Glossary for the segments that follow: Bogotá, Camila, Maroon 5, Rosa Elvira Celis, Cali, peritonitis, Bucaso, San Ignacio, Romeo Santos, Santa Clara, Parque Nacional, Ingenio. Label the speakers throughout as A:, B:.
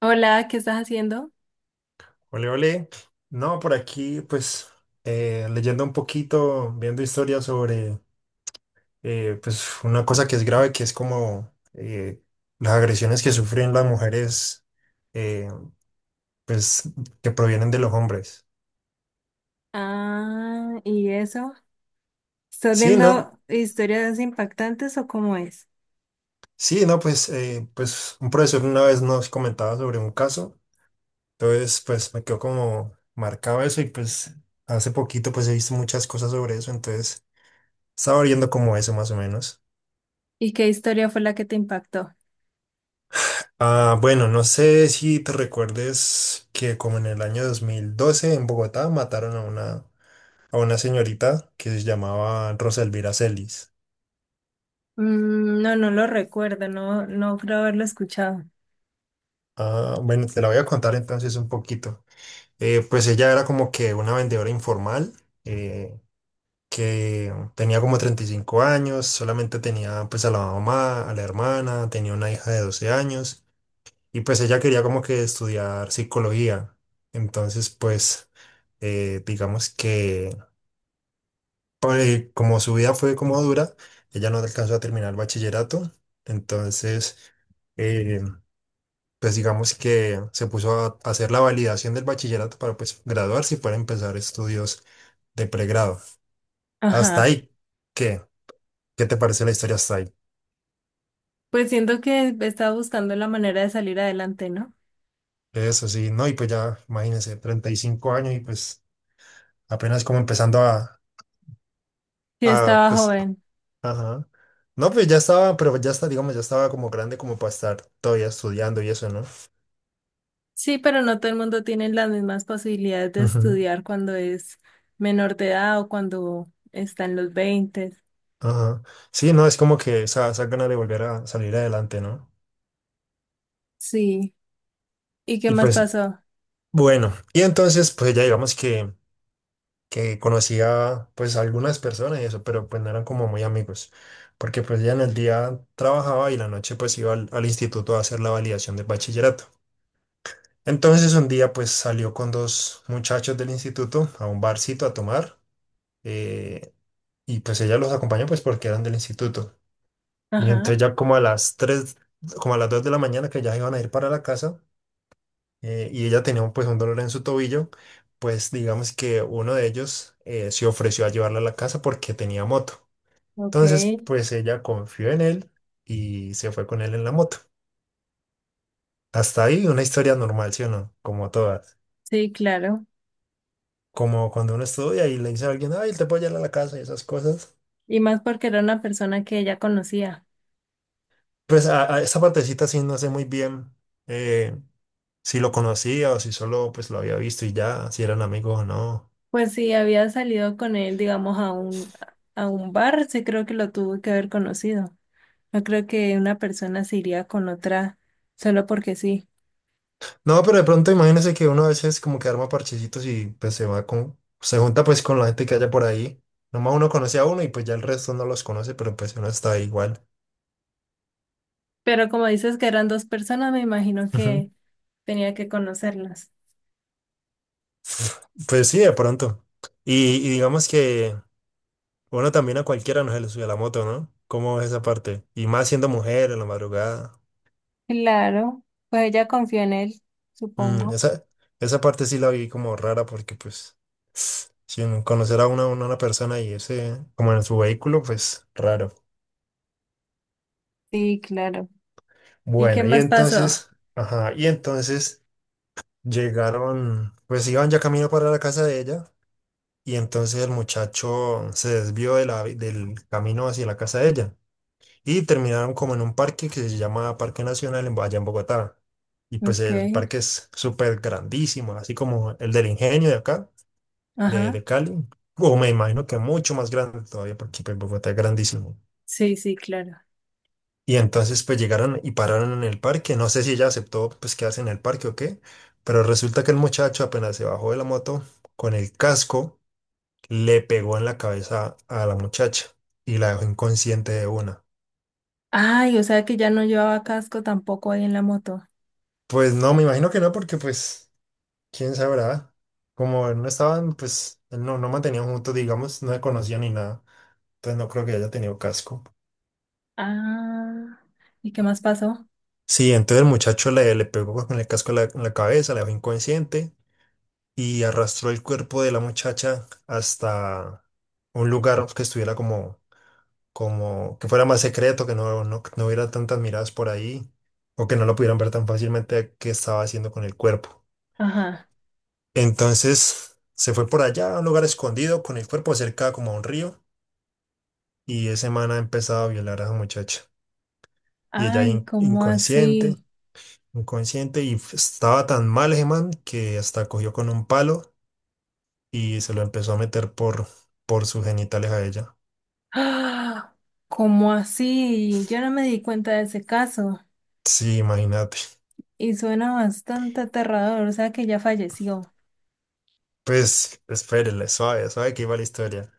A: Hola, ¿qué estás haciendo?
B: Ole, ole. No, por aquí, pues, leyendo un poquito, viendo historias sobre, pues, una cosa que es grave, que es como las agresiones que sufren las mujeres, eh, pues, que provienen de los hombres.
A: Ah, ¿y eso? ¿Estás
B: Sí, no,
A: viendo historias impactantes o cómo es?
B: sí, no, pues, pues, un profesor una vez nos comentaba sobre un caso, entonces, pues, me quedó como marcado eso y, pues, hace poquito, pues, he visto muchas cosas sobre eso, entonces, estaba viendo como eso, más o menos.
A: ¿Y qué historia fue la que te impactó?
B: Ah, bueno, no sé si te recuerdes que como en el año 2012 en Bogotá mataron a una señorita que se llamaba Rosa Elvira Celis.
A: Mm, no, no lo recuerdo, no, no creo haberlo escuchado.
B: Ah, bueno, te la voy a contar entonces un poquito. Pues ella era como que una vendedora informal eh, que tenía como 35 años, solamente tenía pues a la mamá, a la hermana, tenía una hija de 12 años y pues ella quería como que estudiar psicología. Entonces pues digamos que porque como su vida fue como dura, ella no alcanzó a terminar el bachillerato, entonces, eh, pues digamos que se puso a hacer la validación del bachillerato para pues graduarse y poder empezar estudios de pregrado. Hasta
A: Ajá.
B: ahí, ¿qué? ¿Qué te parece la historia hasta ahí?
A: Pues siento que estaba buscando la manera de salir adelante, ¿no?
B: Eso sí, no, y pues ya, imagínense, 35 años y pues apenas como empezando
A: Yo
B: a
A: estaba
B: pues,
A: joven.
B: ajá. No, pues ya estaba, pero ya está, digamos, ya estaba como grande como para estar todavía estudiando y eso, ¿no?
A: Sí, pero no todo el mundo tiene las mismas posibilidades de
B: Ujú.
A: estudiar cuando es menor de edad o cuando está en los veinte.
B: Ajá. Sí, no, es como que esa gana de volver a salir adelante, ¿no?
A: Sí. ¿Y qué
B: Y
A: más
B: pues,
A: pasó?
B: bueno, y entonces, pues ya digamos que conocía pues a pues, algunas personas y eso, pero pues no eran como muy amigos, porque pues ya en el día trabajaba y la noche pues iba al, al instituto a hacer la validación del bachillerato. Entonces un día pues salió con dos muchachos del instituto a un barcito a tomar eh, y pues ella los acompañó pues porque eran del instituto. Y entonces
A: Ajá.
B: ya como a las 3 como a las 2 de la mañana que ya iban a ir para la casa y ella tenía un, pues un dolor en su tobillo, pues digamos que uno de ellos se ofreció a llevarla a la casa porque tenía moto.
A: Ok.
B: Entonces pues ella confió en él y se fue con él en la moto. Hasta ahí una historia normal, ¿sí o no? Como todas.
A: Sí, claro.
B: Como cuando uno estudia y le dice a alguien, ay, te puedo llevar a la casa y esas cosas.
A: Y más porque era una persona que ella conocía.
B: Pues a esa partecita sí no sé muy bien. eh, si lo conocía o si solo pues lo había visto y ya, si eran amigos o no.
A: Pues sí, había salido con él, digamos, a un bar, sí creo que lo tuvo que haber conocido. No creo que una persona se iría con otra solo porque sí.
B: No, pero de pronto imagínese que uno a veces como que arma parchecitos y pues se va con, se junta pues con la gente que haya por ahí. Nomás uno conoce a uno y pues ya el resto no los conoce, pero pues uno está ahí igual.
A: Pero como dices que eran dos personas, me imagino
B: Ujú.
A: que tenía que conocerlas.
B: Pues sí, de pronto. Y digamos que uno también a cualquiera nos se le sube la moto, ¿no? ¿Cómo es esa parte? Y más siendo mujer en la madrugada.
A: Claro, pues ella confió en él, supongo.
B: Esa, esa parte sí la vi como rara porque pues sin conocer a una persona y ese como en su vehículo, pues raro.
A: Sí, claro. ¿Y qué
B: Bueno, y
A: más pasó?
B: entonces, ajá, y entonces llegaron, pues iban ya camino para la casa de ella y entonces el muchacho se desvió de la, del camino hacia la casa de ella y terminaron como en un parque que se llama Parque Nacional allá en Bogotá. Y pues
A: Ok,
B: el parque es súper grandísimo, así como el del Ingenio de acá de
A: ajá.
B: Cali, o me imagino que mucho más grande todavía, porque pues, Bogotá es grandísimo.
A: Sí, sí, claro.
B: Y entonces pues llegaron y pararon en el parque, no sé si ella aceptó pues quedarse en el parque o qué, pero resulta que el muchacho apenas se bajó de la moto, con el casco le pegó en la cabeza a la muchacha y la dejó inconsciente de una.
A: Ay, o sea que ya no llevaba casco tampoco ahí en la moto.
B: Pues no, me imagino que no, porque pues, quién sabrá, como no estaban, pues, no, no mantenían juntos, digamos, no se conocían ni nada, entonces no creo que haya tenido casco.
A: Ah, ¿y qué más pasó?
B: Sí, entonces el muchacho le pegó pues, con el casco en en la cabeza, la dejó inconsciente y arrastró el cuerpo de la muchacha hasta un lugar que estuviera como, como que fuera más secreto, que no, no, no hubiera tantas miradas por ahí o que no lo pudieran ver tan fácilmente qué estaba haciendo con el cuerpo.
A: Ajá.
B: Entonces se fue por allá a un lugar escondido con el cuerpo cerca como a un río y ese man ha empezado a violar a esa muchacha y ella
A: Ay, ¿cómo
B: inconsciente.
A: así?
B: Inconsciente y estaba tan mal ese man que hasta cogió con un palo y se lo empezó a meter por sus genitales a ella.
A: ¡Ah! ¿Cómo así? Yo no me di cuenta de ese caso
B: Sí, imagínate.
A: y suena bastante aterrador, o sea que ya falleció.
B: Pues espérele, suave, suave que iba la historia.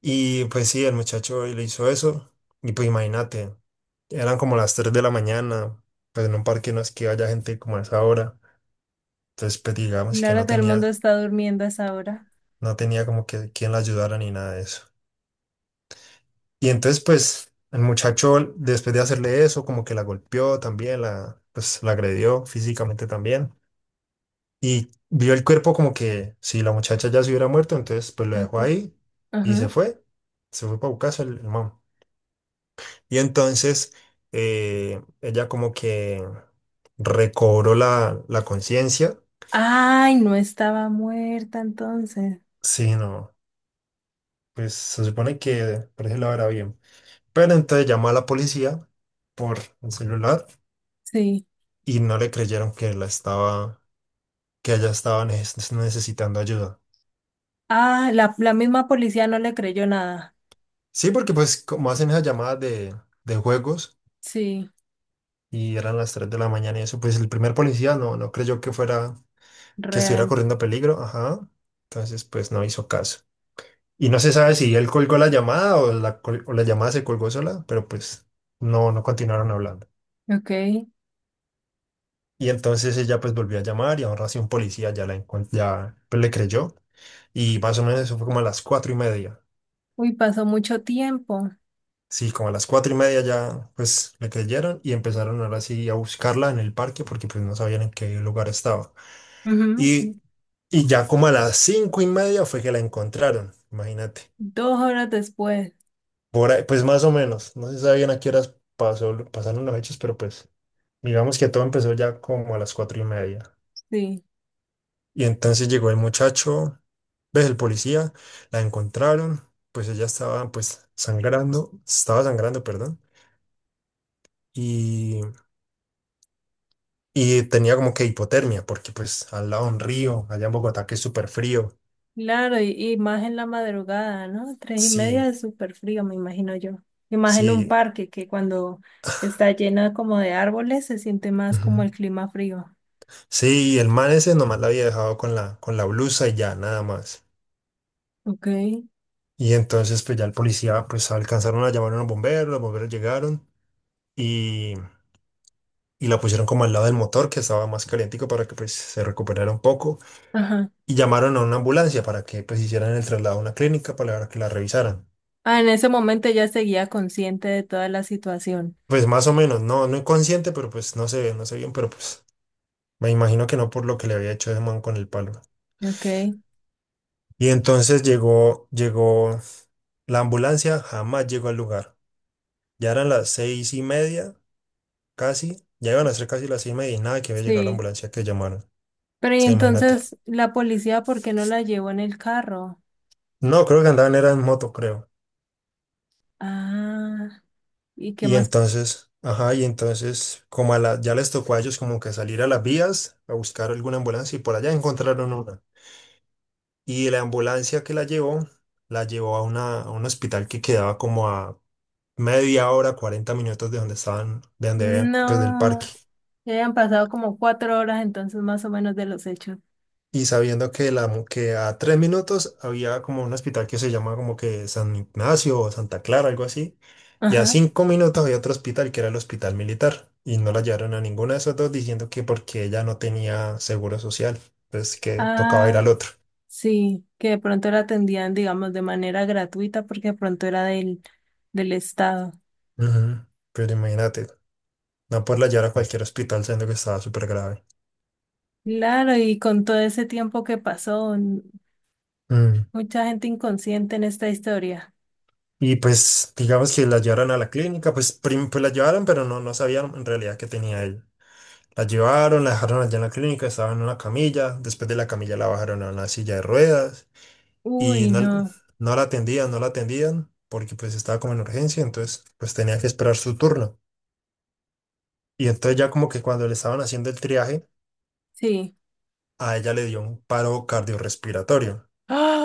B: Y pues sí, el muchacho le hizo eso y pues imagínate, eran como las 3 de la mañana, pues en un parque no es que haya gente como a esa hora. Entonces pues digamos que
A: Claro,
B: no
A: todo el mundo
B: tenía,
A: está durmiendo a esa hora.
B: no tenía como que quien la ayudara ni nada de eso. Y entonces, pues, el muchacho, después de hacerle eso, como que la golpeó también, la, pues, la agredió físicamente también. Y vio el cuerpo como que si la muchacha ya se hubiera muerto, entonces, pues, lo dejó
A: Okay.
B: ahí y se
A: Ajá.
B: fue. Se fue para Bucaso el man. Y entonces, ella como que recobró la conciencia.
A: Ay, no estaba muerta entonces.
B: Sí, no, pues, se supone que por eso lo era bien. Pero entonces llamó a la policía por el celular
A: Sí.
B: y no le creyeron que la estaba que haya estado necesitando ayuda.
A: Ah, la misma policía no le creyó nada.
B: Sí, porque pues como hacen esas llamadas de juegos
A: Sí,
B: y eran las 3 de la mañana y eso, pues el primer policía no, no creyó que fuera, que estuviera
A: real.
B: corriendo peligro, ajá. Entonces pues no hizo caso. Y no se sabe si él colgó la llamada o o la llamada se colgó sola, pero pues no, no continuaron hablando.
A: Ok.
B: Y entonces ella pues volvió a llamar y ahora sí un policía ya la ya pues, le creyó. Y más o menos eso fue como a las 4:30.
A: Uy, pasó mucho tiempo.
B: Sí, como a las cuatro y media ya pues le creyeron y empezaron ahora sí a buscarla en el parque porque pues no sabían en qué lugar estaba.
A: Ujú.
B: Y, y ya como a las 5:30 fue que la encontraron, imagínate.
A: 2 horas después.
B: Por ahí, pues más o menos, no se sabían a qué horas pasó, pasaron los hechos, pero pues digamos que todo empezó ya como a las 4:30.
A: Sí,
B: Y entonces llegó el muchacho, ves el policía, la encontraron, pues ella estaba pues sangrando, estaba sangrando, perdón. Y y tenía como que hipotermia, porque pues al lado un río, allá en Bogotá, que es súper frío.
A: claro, y más en la madrugada, ¿no? 3:30
B: Sí,
A: es súper frío, me imagino yo. Y más en un
B: sí.
A: parque que cuando está llena como de árboles se siente más como
B: Ujú.
A: el clima frío.
B: Sí, el man ese nomás la había dejado con la blusa y ya, nada más.
A: Ok,
B: Y entonces pues ya el policía, pues alcanzaron a llamar a los bomberos llegaron y, y la pusieron como al lado del motor, que estaba más calientico para que pues se recuperara un poco.
A: ajá.
B: Y llamaron a una ambulancia para que pues hicieran el traslado a una clínica para que la revisaran.
A: Ah, en ese momento ya seguía consciente de toda la situación.
B: Pues más o menos, no, no inconsciente, pero pues no se ve, no sé bien, pero pues me imagino que no por lo que le había hecho ese man con el palo.
A: Ok,
B: Y entonces llegó la ambulancia, jamás llegó al lugar. Ya eran las 6:30, casi. Ya iban a ser casi las 6:30 y nada que había llegado la
A: sí.
B: ambulancia que llamaron.
A: Pero y
B: Se imagínate.
A: entonces la policía, ¿por qué no la llevó en el carro?
B: No, creo que andaban era en moto, creo.
A: Ah, ¿y qué
B: Y
A: más?
B: entonces, ajá, y entonces, como a la, ya les tocó a ellos como que salir a las vías a buscar alguna ambulancia y por allá encontraron una. Y la ambulancia que la llevó a, una, a un hospital que quedaba como a media hora, 40 minutos de donde estaban, de donde habían, pues del
A: No,
B: parque.
A: ya han pasado como 4 horas entonces más o menos de los hechos.
B: Y sabiendo que, la, que a 3 minutos había como un hospital que se llama como que San Ignacio o Santa Clara, algo así. Y a
A: Ajá.
B: 5 minutos había otro hospital que era el hospital militar. Y no la llevaron a ninguno de esos dos diciendo que porque ella no tenía seguro social. Pues que tocaba ir al
A: Ah.
B: otro.
A: Sí, que de pronto la atendían, digamos, de manera gratuita porque de pronto era del Estado.
B: Ujú. Pero imagínate, no poderla llevar a cualquier hospital siendo que estaba súper grave.
A: Claro, y con todo ese tiempo que pasó, mucha gente inconsciente en esta historia.
B: Y pues digamos que la llevaron a la clínica, pues, pues la llevaron, pero no, no sabían en realidad qué tenía ella. La llevaron, la dejaron allá en la clínica, estaba en una camilla, después de la camilla la bajaron a una silla de ruedas y
A: Uy,
B: no,
A: no,
B: no la atendían, no la atendían porque pues estaba como en urgencia, entonces pues tenía que esperar su turno. Y entonces ya como que cuando le estaban haciendo el triaje,
A: sí.
B: a ella le dio un paro cardiorrespiratorio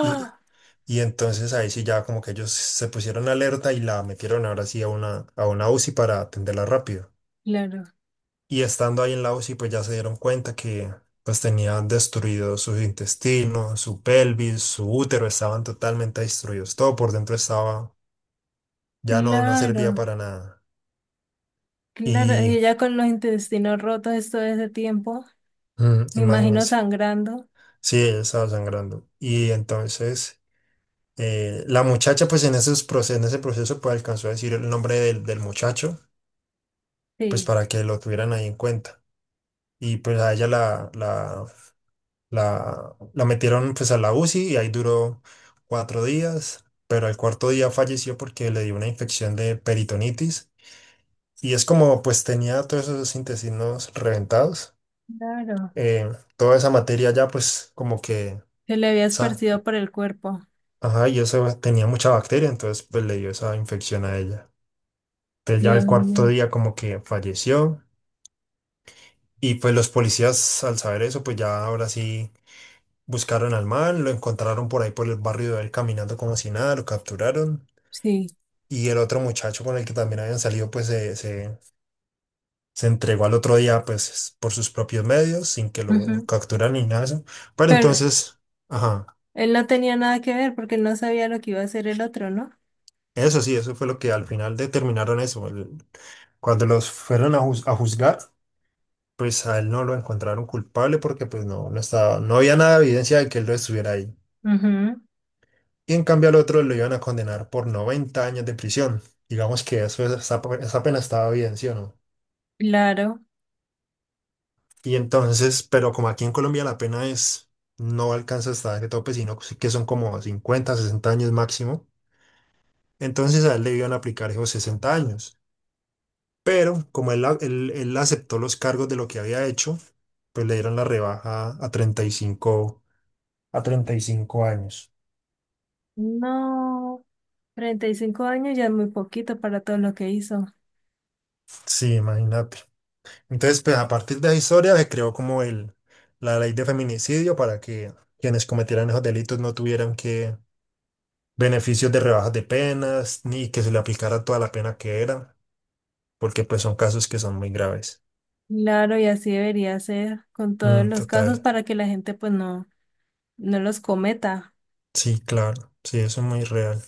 B: y, y entonces ahí sí ya como que ellos se pusieron alerta y la metieron ahora sí a a una UCI para atenderla rápido.
A: claro,
B: Y estando ahí en la UCI, pues ya se dieron cuenta que pues tenía destruidos sus intestinos, su pelvis, su útero, estaban totalmente destruidos. Todo por dentro estaba, ya no, no servía
A: claro,
B: para nada.
A: claro. Y
B: Y
A: ella con los intestinos rotos todo ese tiempo, me imagino
B: imagínense,
A: sangrando.
B: sí, ella estaba sangrando. Y entonces la muchacha, pues en ese proceso, pues alcanzó a decir el nombre del muchacho, pues
A: Sí,
B: para que lo tuvieran ahí en cuenta. Y pues a ella la metieron pues a la UCI y ahí duró 4 días, pero al cuarto día falleció porque le dio una infección de peritonitis y es como pues tenía todos esos intestinos reventados,
A: claro.
B: eh, toda esa materia ya pues como que,
A: Se le había
B: sa-
A: esparcido por el cuerpo.
B: ajá, y eso tenía mucha bacteria, entonces pues le dio esa infección a ella. Entonces ya
A: Dios
B: el cuarto
A: mío,
B: día como que falleció y pues los policías al saber eso pues ya ahora sí buscaron al man, lo encontraron por ahí por el barrio de él caminando como si nada, lo capturaron.
A: sí.
B: Y el otro muchacho con el que también habían salido, pues se entregó al otro día, pues por sus propios medios, sin que lo
A: Ujú.
B: capturaran ni nada de eso. Pero
A: Pero
B: entonces, ajá,
A: él no tenía nada que ver porque él no sabía lo que iba a hacer el otro, ¿no?
B: eso sí, eso fue lo que al final determinaron eso. Cuando los fueron a juzgar, pues a él no lo encontraron culpable porque pues no, no estaba, no había nada de evidencia de que él lo estuviera ahí.
A: Ujú.
B: Y en cambio al otro lo iban a condenar por 90 años de prisión. Digamos que eso, esa, esa pena estaba bien, ¿sí o no?
A: Claro.
B: Y entonces, pero como aquí en Colombia la pena es, no alcanza hasta ese tope, sino sí que son como 50 60 años máximo, entonces a él le iban a aplicar esos 60 años. Pero como él aceptó los cargos de lo que había hecho, pues le dieron la rebaja a 35 a 35 años.
A: No, 35 años ya es muy poquito para todo lo que hizo.
B: Sí, imagínate. Entonces, pues, a partir de esa historia se creó como la ley de feminicidio para que quienes cometieran esos delitos no tuvieran que beneficios de rebajas de penas, ni que se le aplicara toda la pena que era, porque pues son casos que son muy graves.
A: Claro, y así debería ser con todos los casos
B: Total,
A: para que la gente pues no los cometa.
B: sí, claro, sí, eso es muy real.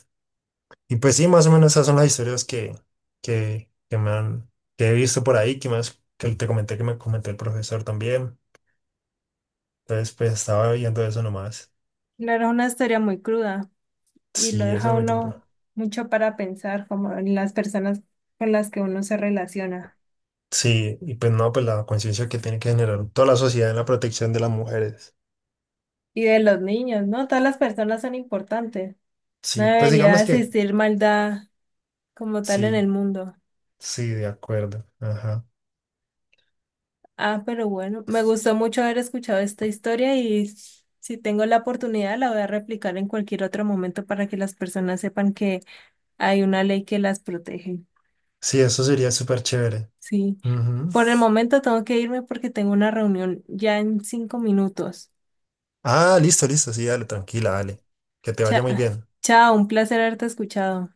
B: Y pues sí, más o menos esas son las historias que, que me han, que he visto por ahí, que más, que te comenté que me comentó el profesor también. Entonces, pues estaba viendo eso nomás.
A: Claro, es una historia muy cruda y lo
B: Sí, eso
A: deja
B: es muy duro.
A: uno mucho para pensar, como en las personas con las que uno se relaciona.
B: Sí, y pues no, pues la conciencia que tiene que generar toda la sociedad en la protección de las mujeres.
A: Y de los niños, ¿no? Todas las personas son importantes. No
B: Sí, pues
A: debería
B: digamos que
A: existir maldad como tal en
B: sí,
A: el mundo.
B: sí, de acuerdo. Ajá.
A: Ah, pero bueno, me gustó mucho haber escuchado esta historia y si tengo la oportunidad la voy a replicar en cualquier otro momento para que las personas sepan que hay una ley que las protege.
B: Sí, eso sería súper chévere.
A: Sí.
B: Ujú.
A: Por el momento tengo que irme porque tengo una reunión ya en 5 minutos.
B: Ah, listo, listo, sí, dale, tranquila, dale. Que te vaya muy
A: Cha-
B: bien.
A: chao, un placer haberte escuchado.